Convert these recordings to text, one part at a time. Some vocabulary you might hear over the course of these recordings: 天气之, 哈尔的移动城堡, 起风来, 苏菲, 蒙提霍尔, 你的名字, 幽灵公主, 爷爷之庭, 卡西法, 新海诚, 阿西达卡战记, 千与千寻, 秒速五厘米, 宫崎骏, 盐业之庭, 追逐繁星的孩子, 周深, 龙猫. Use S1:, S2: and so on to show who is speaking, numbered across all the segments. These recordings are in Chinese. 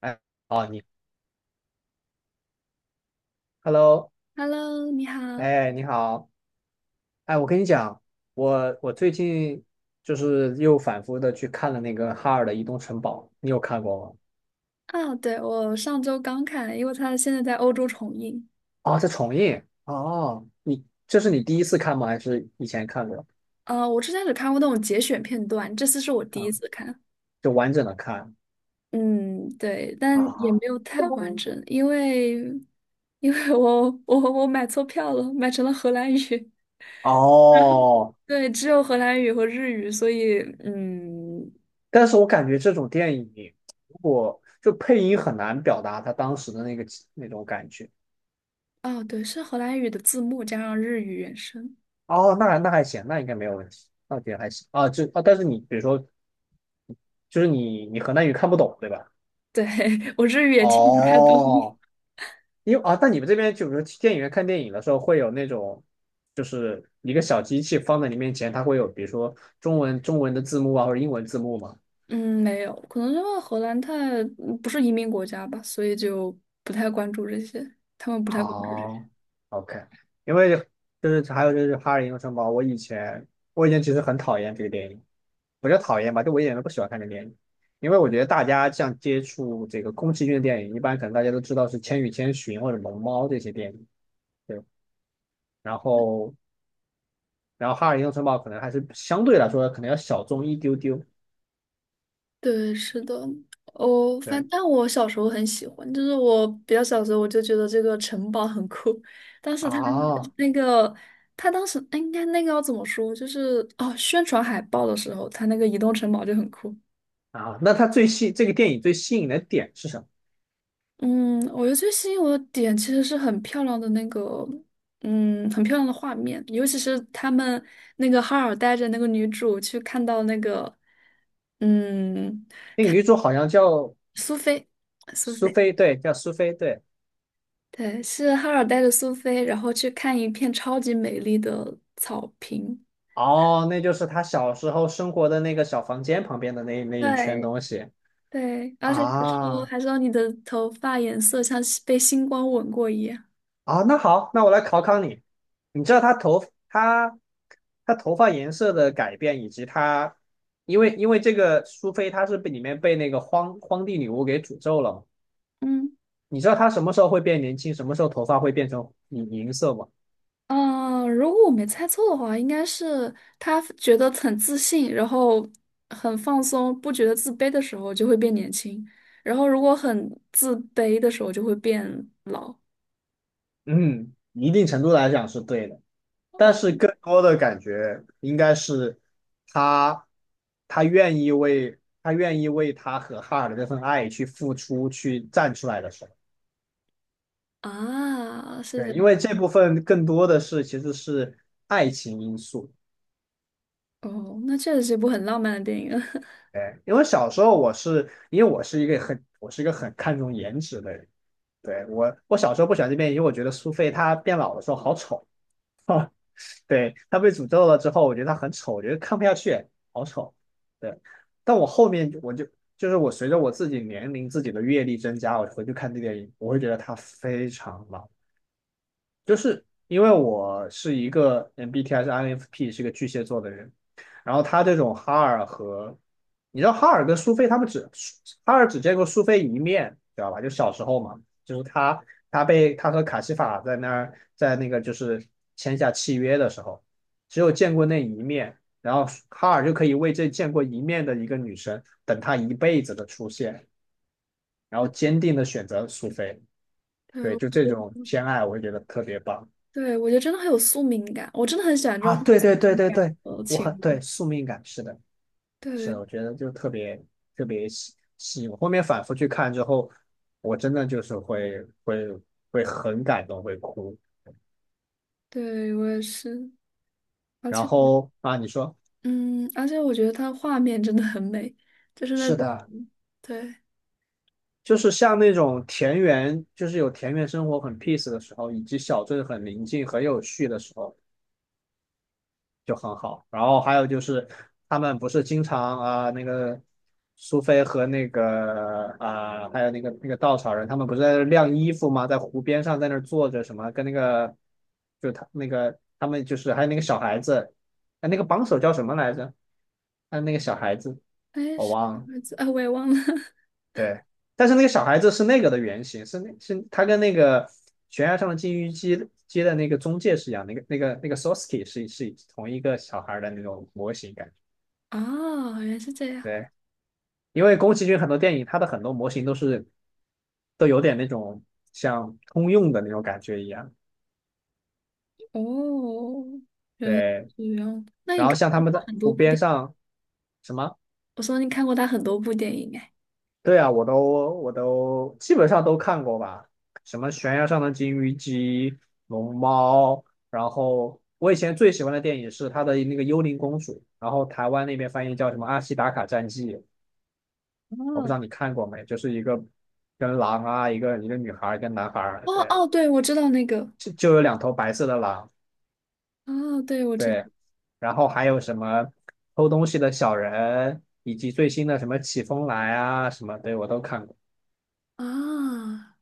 S1: 哎，哦，Hello。
S2: Hello，你好。
S1: 哎，你好。哎，我跟你讲，我最近就是又反复的去看了那个哈尔的移动城堡，你有看过吗？
S2: 啊，对，我上周刚看，因为它现在在欧洲重映。
S1: 哦，在重映。哦，你这是你第一次看吗？还是以前看过？
S2: 啊，我之前只看过那种节选片段，这次是我第一
S1: 嗯，
S2: 次看。
S1: 就完整的看
S2: 嗯，对，但也没
S1: 啊。
S2: 有太完整，因为我买错票了，买成了荷兰语。
S1: 哦，
S2: 对，只有荷兰语和日语，所以
S1: 但是我感觉这种电影，如果就配音很难表达他当时的那个那种感觉。
S2: 哦，对，是荷兰语的字幕加上日语原声。
S1: 哦，那还行，那应该没有问题，那觉还行啊。就啊，但是你比如说就是你河南语看不懂，对吧？
S2: 对，我日语也听不太懂。
S1: 哦，因为啊，但你们这边就比如去电影院看电影的时候，会有那种就是一个小机器放在你面前，它会有比如说中文的字幕啊，或者英文字幕嘛。
S2: 嗯，没有，可能因为荷兰太不是移民国家吧，所以就不太关注这些，他们不太关注这些。
S1: 哦，OK。因为就是还有就是《哈尔英雄城堡》，我以前其实很讨厌这个电影，不叫讨厌吧，就我一点都不喜欢看这个电影，因为我觉得大家像接触这个宫崎骏的电影，一般可能大家都知道是《千与千寻》或者《龙猫》这些电影。对。然后哈尔移动城堡可能还是相对来说可能要小众一丢丢。
S2: 对，是的，哦，反
S1: 对，
S2: 正但我小时候很喜欢，就是我比较小的时候我就觉得这个城堡很酷，当时他
S1: 啊
S2: 那个他当时哎应该那个要怎么说，就是哦宣传海报的时候，他那个移动城堡就很酷。
S1: 啊，那它最吸这个电影最吸引的点是什么？
S2: 嗯，我觉得最吸引我的点其实是很漂亮的那个，嗯，很漂亮的画面，尤其是他们那个哈尔带着那个女主去看到那个，嗯，
S1: 那个女主好像叫
S2: 苏菲，苏
S1: 苏
S2: 菲，
S1: 菲。对，叫苏菲，对。
S2: 对，是哈尔带着苏菲，然后去看一片超级美丽的草坪，
S1: 哦，那就是她小时候生活的那个小房间旁边的那一圈
S2: 对
S1: 东西
S2: 对，而且还说
S1: 啊
S2: 还说你的头发颜色像被星光吻过一样，
S1: 啊。那好，那我来考考你，你知道她头发颜色的改变以及她，因为这个苏菲她是被里面那个荒地女巫给诅咒了，
S2: 嗯。
S1: 你知道他什么时候会变年轻，什么时候头发会变成银色吗？
S2: 嗯，如果我没猜错的话，应该是他觉得很自信，然后很放松，不觉得自卑的时候就会变年轻，然后如果很自卑的时候就会变老。
S1: 嗯，一定程度来讲是对的，但
S2: 哦
S1: 是更多的感觉应该是他，他愿意为他愿意为他和哈尔的这份爱去付出，去站出来的时候。
S2: 啊，是这
S1: 对，因
S2: 样
S1: 为这部分更多的是其实是爱情因素。
S2: 哦，那确实是一部很浪漫的电影。
S1: 对，因为小时候我是一个很看重颜值的人。对，我小时候不喜欢这边，因为我觉得苏菲她变老的时候好丑。对，他被诅咒了之后，我觉得他很丑，我觉得看不下去，好丑。对，但我后面我就是我随着我自己年龄、自己的阅历增加，我回去看这电影，我会觉得他非常老。就是因为我是一个 MBTI 是 INFP 是一个巨蟹座的人，然后他这种哈尔和你知道哈尔跟苏菲他们只哈尔只见过苏菲一面，知道吧？就小时候嘛，就是他被他和卡西法在那儿在那个就是签下契约的时候，只有见过那一面，然后哈尔就可以为这见过一面的一个女生等她一辈子的出现，然后坚定的选择苏菲。
S2: 对，
S1: 对，
S2: 我
S1: 就
S2: 觉
S1: 这种
S2: 得，
S1: 偏爱，我也觉得特别棒。
S2: 对，我觉得真的很有宿命感，我真的很喜欢这种
S1: 啊，
S2: 很有
S1: 对
S2: 宿
S1: 对对
S2: 命
S1: 对
S2: 感
S1: 对。
S2: 的
S1: 我
S2: 情
S1: 很对
S2: 侣。
S1: 宿命感，是的，是的。
S2: 对，
S1: 我觉得就特别特别吸引我。后面反复去看之后，我真的就是会很感动，会哭。
S2: 对，我也是，而
S1: 然
S2: 且，
S1: 后啊，你说，
S2: 嗯，而且我觉得它画面真的很美，就是那
S1: 是
S2: 种。
S1: 的。
S2: 对，
S1: 就是像那种田园，就是有田园生活很 peace 的时候，以及小镇很宁静、很有序的时候，就很好。然后还有就是他们不是经常啊、那个苏菲和那个啊、还有那个稻草人，他们不是在那晾衣服吗？在湖边上在那儿坐着什么，跟那个就他那个他们就是还有那个小孩子。哎，那个帮手叫什么来着？还有那个小孩子，
S2: 哎，
S1: 我
S2: 是
S1: 忘
S2: 什
S1: 了。
S2: 么字啊？我也忘了。
S1: 对。但是那个小孩子是那个的原型，是他跟那个悬崖上的金鱼姬的那个中介是一样，那个 s o s k e 是同一个小孩的那种模型感。
S2: 啊，原来是这样。
S1: 对，因为宫崎骏很多电影，它的很多模型都有点那种像通用的那种感觉一样。
S2: 哦，原来是
S1: 对，
S2: 这样。那
S1: 然
S2: 你
S1: 后
S2: 看
S1: 像他
S2: 过
S1: 们
S2: 他
S1: 在
S2: 很多
S1: 湖
S2: 部
S1: 边
S2: 电
S1: 上什么。
S2: 我说你看过他很多部电影哎。
S1: 对啊，我都基本上都看过吧。什么悬崖上的金鱼姬、龙猫，然后我以前最喜欢的电影是他的那个《幽灵公主》，然后台湾那边翻译叫什么《阿西达卡战记》，我不
S2: 哦，
S1: 知道你看过没，就是一个跟狼啊，一个女孩儿，一个男孩儿。
S2: 哦
S1: 对，
S2: 哦，对，我知道那个。
S1: 就有两头白色的狼。
S2: 哦，对，我知道。
S1: 对，然后还有什么偷东西的小人，以及最新的什么起风来啊什么，对我都看过。
S2: 啊、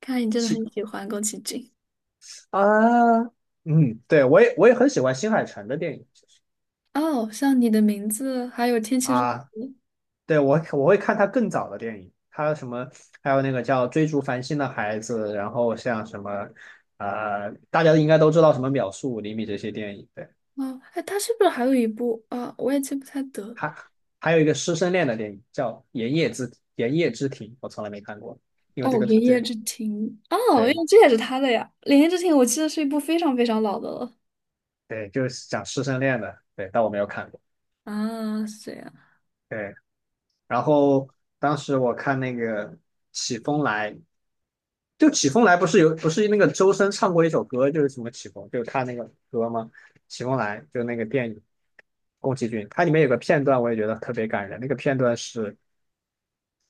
S2: 看来你真的
S1: 起
S2: 很喜欢宫崎骏。
S1: 啊，嗯，对我也很喜欢新海诚的电影。
S2: 哦，像你的名字，还有天气之。
S1: 啊，对我会看他更早的电影，他什么还有那个叫《追逐繁星的孩子》，然后像什么大家应该都知道什么《秒速五厘米》这些电影。对。
S2: 哦，哎，他是不是还有一部啊？我也记不太得了。
S1: 还还有一个师生恋的电影叫盐业之庭》，我从来没看过，因
S2: 哦，
S1: 为这个
S2: 《爷爷之庭》哦，因为
S1: 对
S2: 这也是他的呀，《爷爷之庭》我记得是一部非常非常老的了。
S1: 对，就是讲师生恋的。对，但我没有看过。
S2: 啊，是这样。
S1: 对，然后当时我看那个《起风来》，就《起风来》不是那个周深唱过一首歌，就是什么起风，就是他那个歌吗？《起风来》就那个电影，宫崎骏，它里面有个片段我也觉得特别感人，那个片段是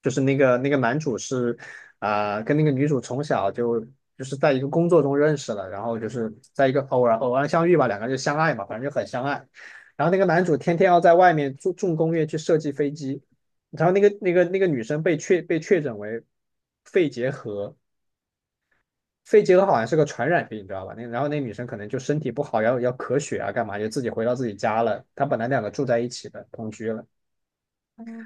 S1: 就是那个男主跟那个女主从小就是在一个工作中认识了，然后就是在一个偶然相遇吧，两个人就相爱嘛，反正就很相爱。然后那个男主天天要在外面重工业去设计飞机，然后那个女生被确被确诊为肺结核。肺结核好像是个传染病，你知道吧？那然后那女生可能就身体不好，要咳血啊，干嘛就自己回到自己家了。她本来两个住在一起的，同居了。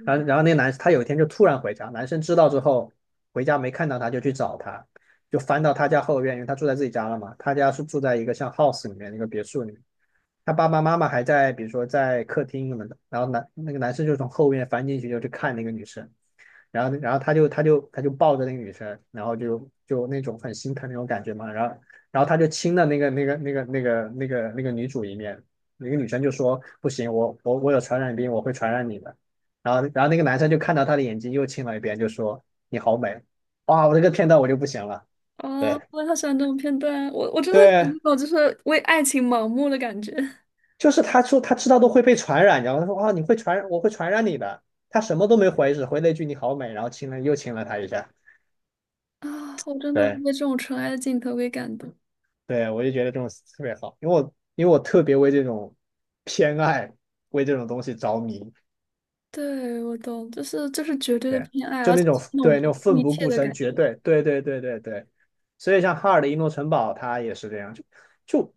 S1: 然后那个他有一天就突然回家，男生知道之后回家没看到他，就去找他，就翻到他家后院，因为他住在自己家了嘛，他家是住在一个像 house 里面那个别墅里面。他爸爸妈妈还在比如说在客厅什么的，然后那个男生就从后院翻进去就去看那个女生，然后他就抱着那个女生，然后就那种很心疼那种感觉嘛。然后他就亲了那个女主一面，那个女生就说不行，我有传染病，我会传染你的。然后那个男生就看到她的眼睛又亲了一遍，就说你好美。哇，我这个片段我就不行了。
S2: 啊，
S1: 对
S2: 我也好喜欢这种片段，我真的有
S1: 对，
S2: 那种就是为爱情盲目的感觉
S1: 就是他说他知道都会被传染，然后他说啊你会传染，我会传染你的，他什么都没回，只回了一句你好美，然后亲了又亲了她一下。
S2: 啊，我真的会
S1: 对。
S2: 被这种纯爱的镜头给感动。
S1: 对，我就觉得这种特别好，因为我特别为这种偏爱，为这种东西着迷。
S2: 对，我懂，就是绝对的
S1: 对，
S2: 偏爱，
S1: 就
S2: 而且
S1: 那种
S2: 是那种
S1: 对
S2: 不
S1: 那种
S2: 顾
S1: 奋
S2: 一
S1: 不
S2: 切
S1: 顾
S2: 的
S1: 身，
S2: 感
S1: 绝
S2: 觉。
S1: 对，对对对对对。所以像哈尔的《移诺城堡》，它也是这样，就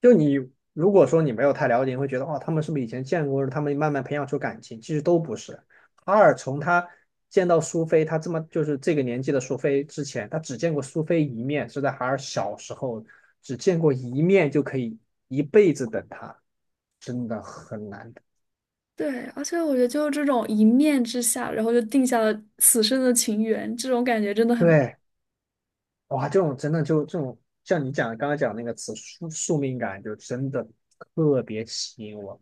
S1: 你如果说你没有太了解，你会觉得哇，他们是不是以前见过？他们慢慢培养出感情，其实都不是。哈尔从他见到苏菲，他这么就是这个年纪的苏菲之前，他只见过苏菲一面，是在哈尔小时候只见过一面就可以一辈子等他，真的很难的。
S2: 对，而且我觉得就是这种一面之下，然后就定下了此生的情缘，这种感觉真的很。
S1: 对，哇，这种真的就这种像刚才讲那个词宿命感，就真的特别吸引我，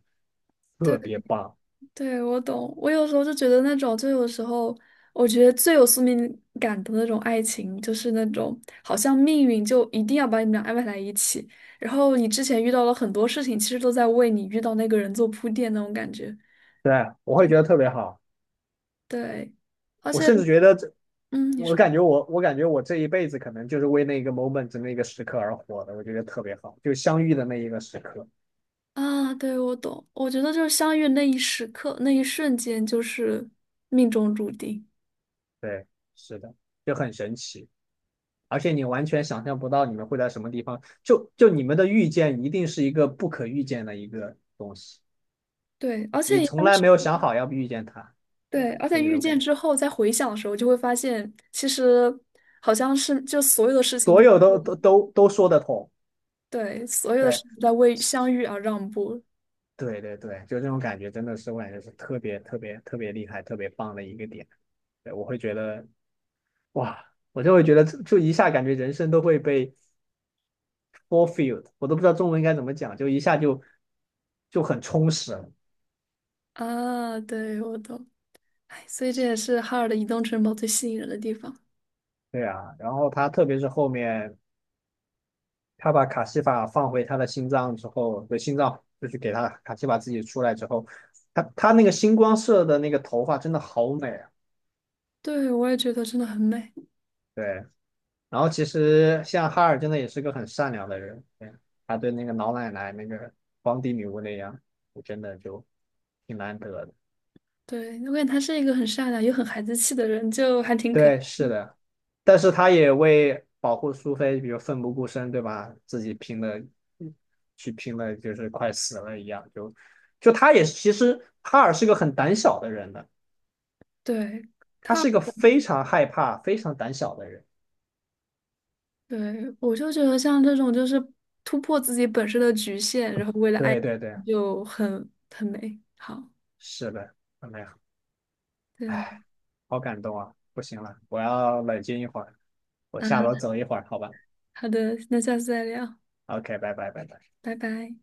S2: 对。
S1: 特别棒。
S2: 对，我懂。我有时候就觉得那种，就有时候我觉得最有宿命感的那种爱情，就是那种好像命运就一定要把你们俩安排在一起，然后你之前遇到了很多事情，其实都在为你遇到那个人做铺垫那种感觉。
S1: 对，我会觉得特别好。
S2: 对，而
S1: 我
S2: 且，
S1: 甚至觉得这
S2: 嗯，你
S1: 我
S2: 说
S1: 感觉我我感觉我这一辈子可能就是为那个 moment 那个时刻而活的，我觉得特别好，就相遇的那一个时刻。
S2: 啊，对，我懂。我觉得就是相遇那一时刻，那一瞬间就是命中注定。
S1: 对，是的，就很神奇，而且你完全想象不到你们会在什么地方，就你们的遇见一定是一个不可预见的一个东西，
S2: 对，而
S1: 你
S2: 且一般
S1: 从来没有想好要遇见他。对，
S2: 对，而且
S1: 就那
S2: 遇
S1: 种感
S2: 见
S1: 觉，
S2: 之后再回想的时候，就会发现其实好像是就所有的事情都
S1: 所
S2: 在
S1: 有都
S2: 为
S1: 都说得通。
S2: 对，所有的事情
S1: 对
S2: 都在为相遇而让步
S1: 对对对，就这种感觉真的是，我感觉是特别特别特别厉害、特别棒的一个点。对，我会觉得哇，我就会觉得就一下感觉人生都会被 fulfilled，我都不知道中文应该怎么讲，就一下就很充实了。
S2: 啊。对，我懂。哎，所以这也是哈尔的移动城堡最吸引人的地方。
S1: 对啊，然后他特别是后面他把卡西法放回他的心脏之后，对心脏就是给他卡西法自己出来之后，他那个星光色的那个头发真的好美啊。
S2: 对，我也觉得真的很美。
S1: 对，然后其实像哈尔真的也是个很善良的人。对他对那个老奶奶那个皇帝女巫那样，我真的就挺难得的。
S2: 对，我感觉他是一个很善良又很孩子气的人，就还挺可爱。
S1: 对，是的。但是他也为保护苏菲，比如奋不顾身，对吧？自己拼了，去拼了，就是快死了一样。就他也是，其实哈尔是个很胆小的人的，
S2: 对，
S1: 他
S2: 他，
S1: 是一个非常害怕、非常胆小的人。
S2: 对，我就觉得像这种就是突破自己本身的局限，然后为了爱
S1: 对对对，
S2: 就很很美好。
S1: 是的，怎么样？哎，
S2: 对。
S1: 好感动啊！不行了，我要冷静一会儿，我下楼
S2: 嗯。
S1: 走一会儿，好吧
S2: 好的，那下次再聊，
S1: ？OK，拜拜拜拜。
S2: 拜拜。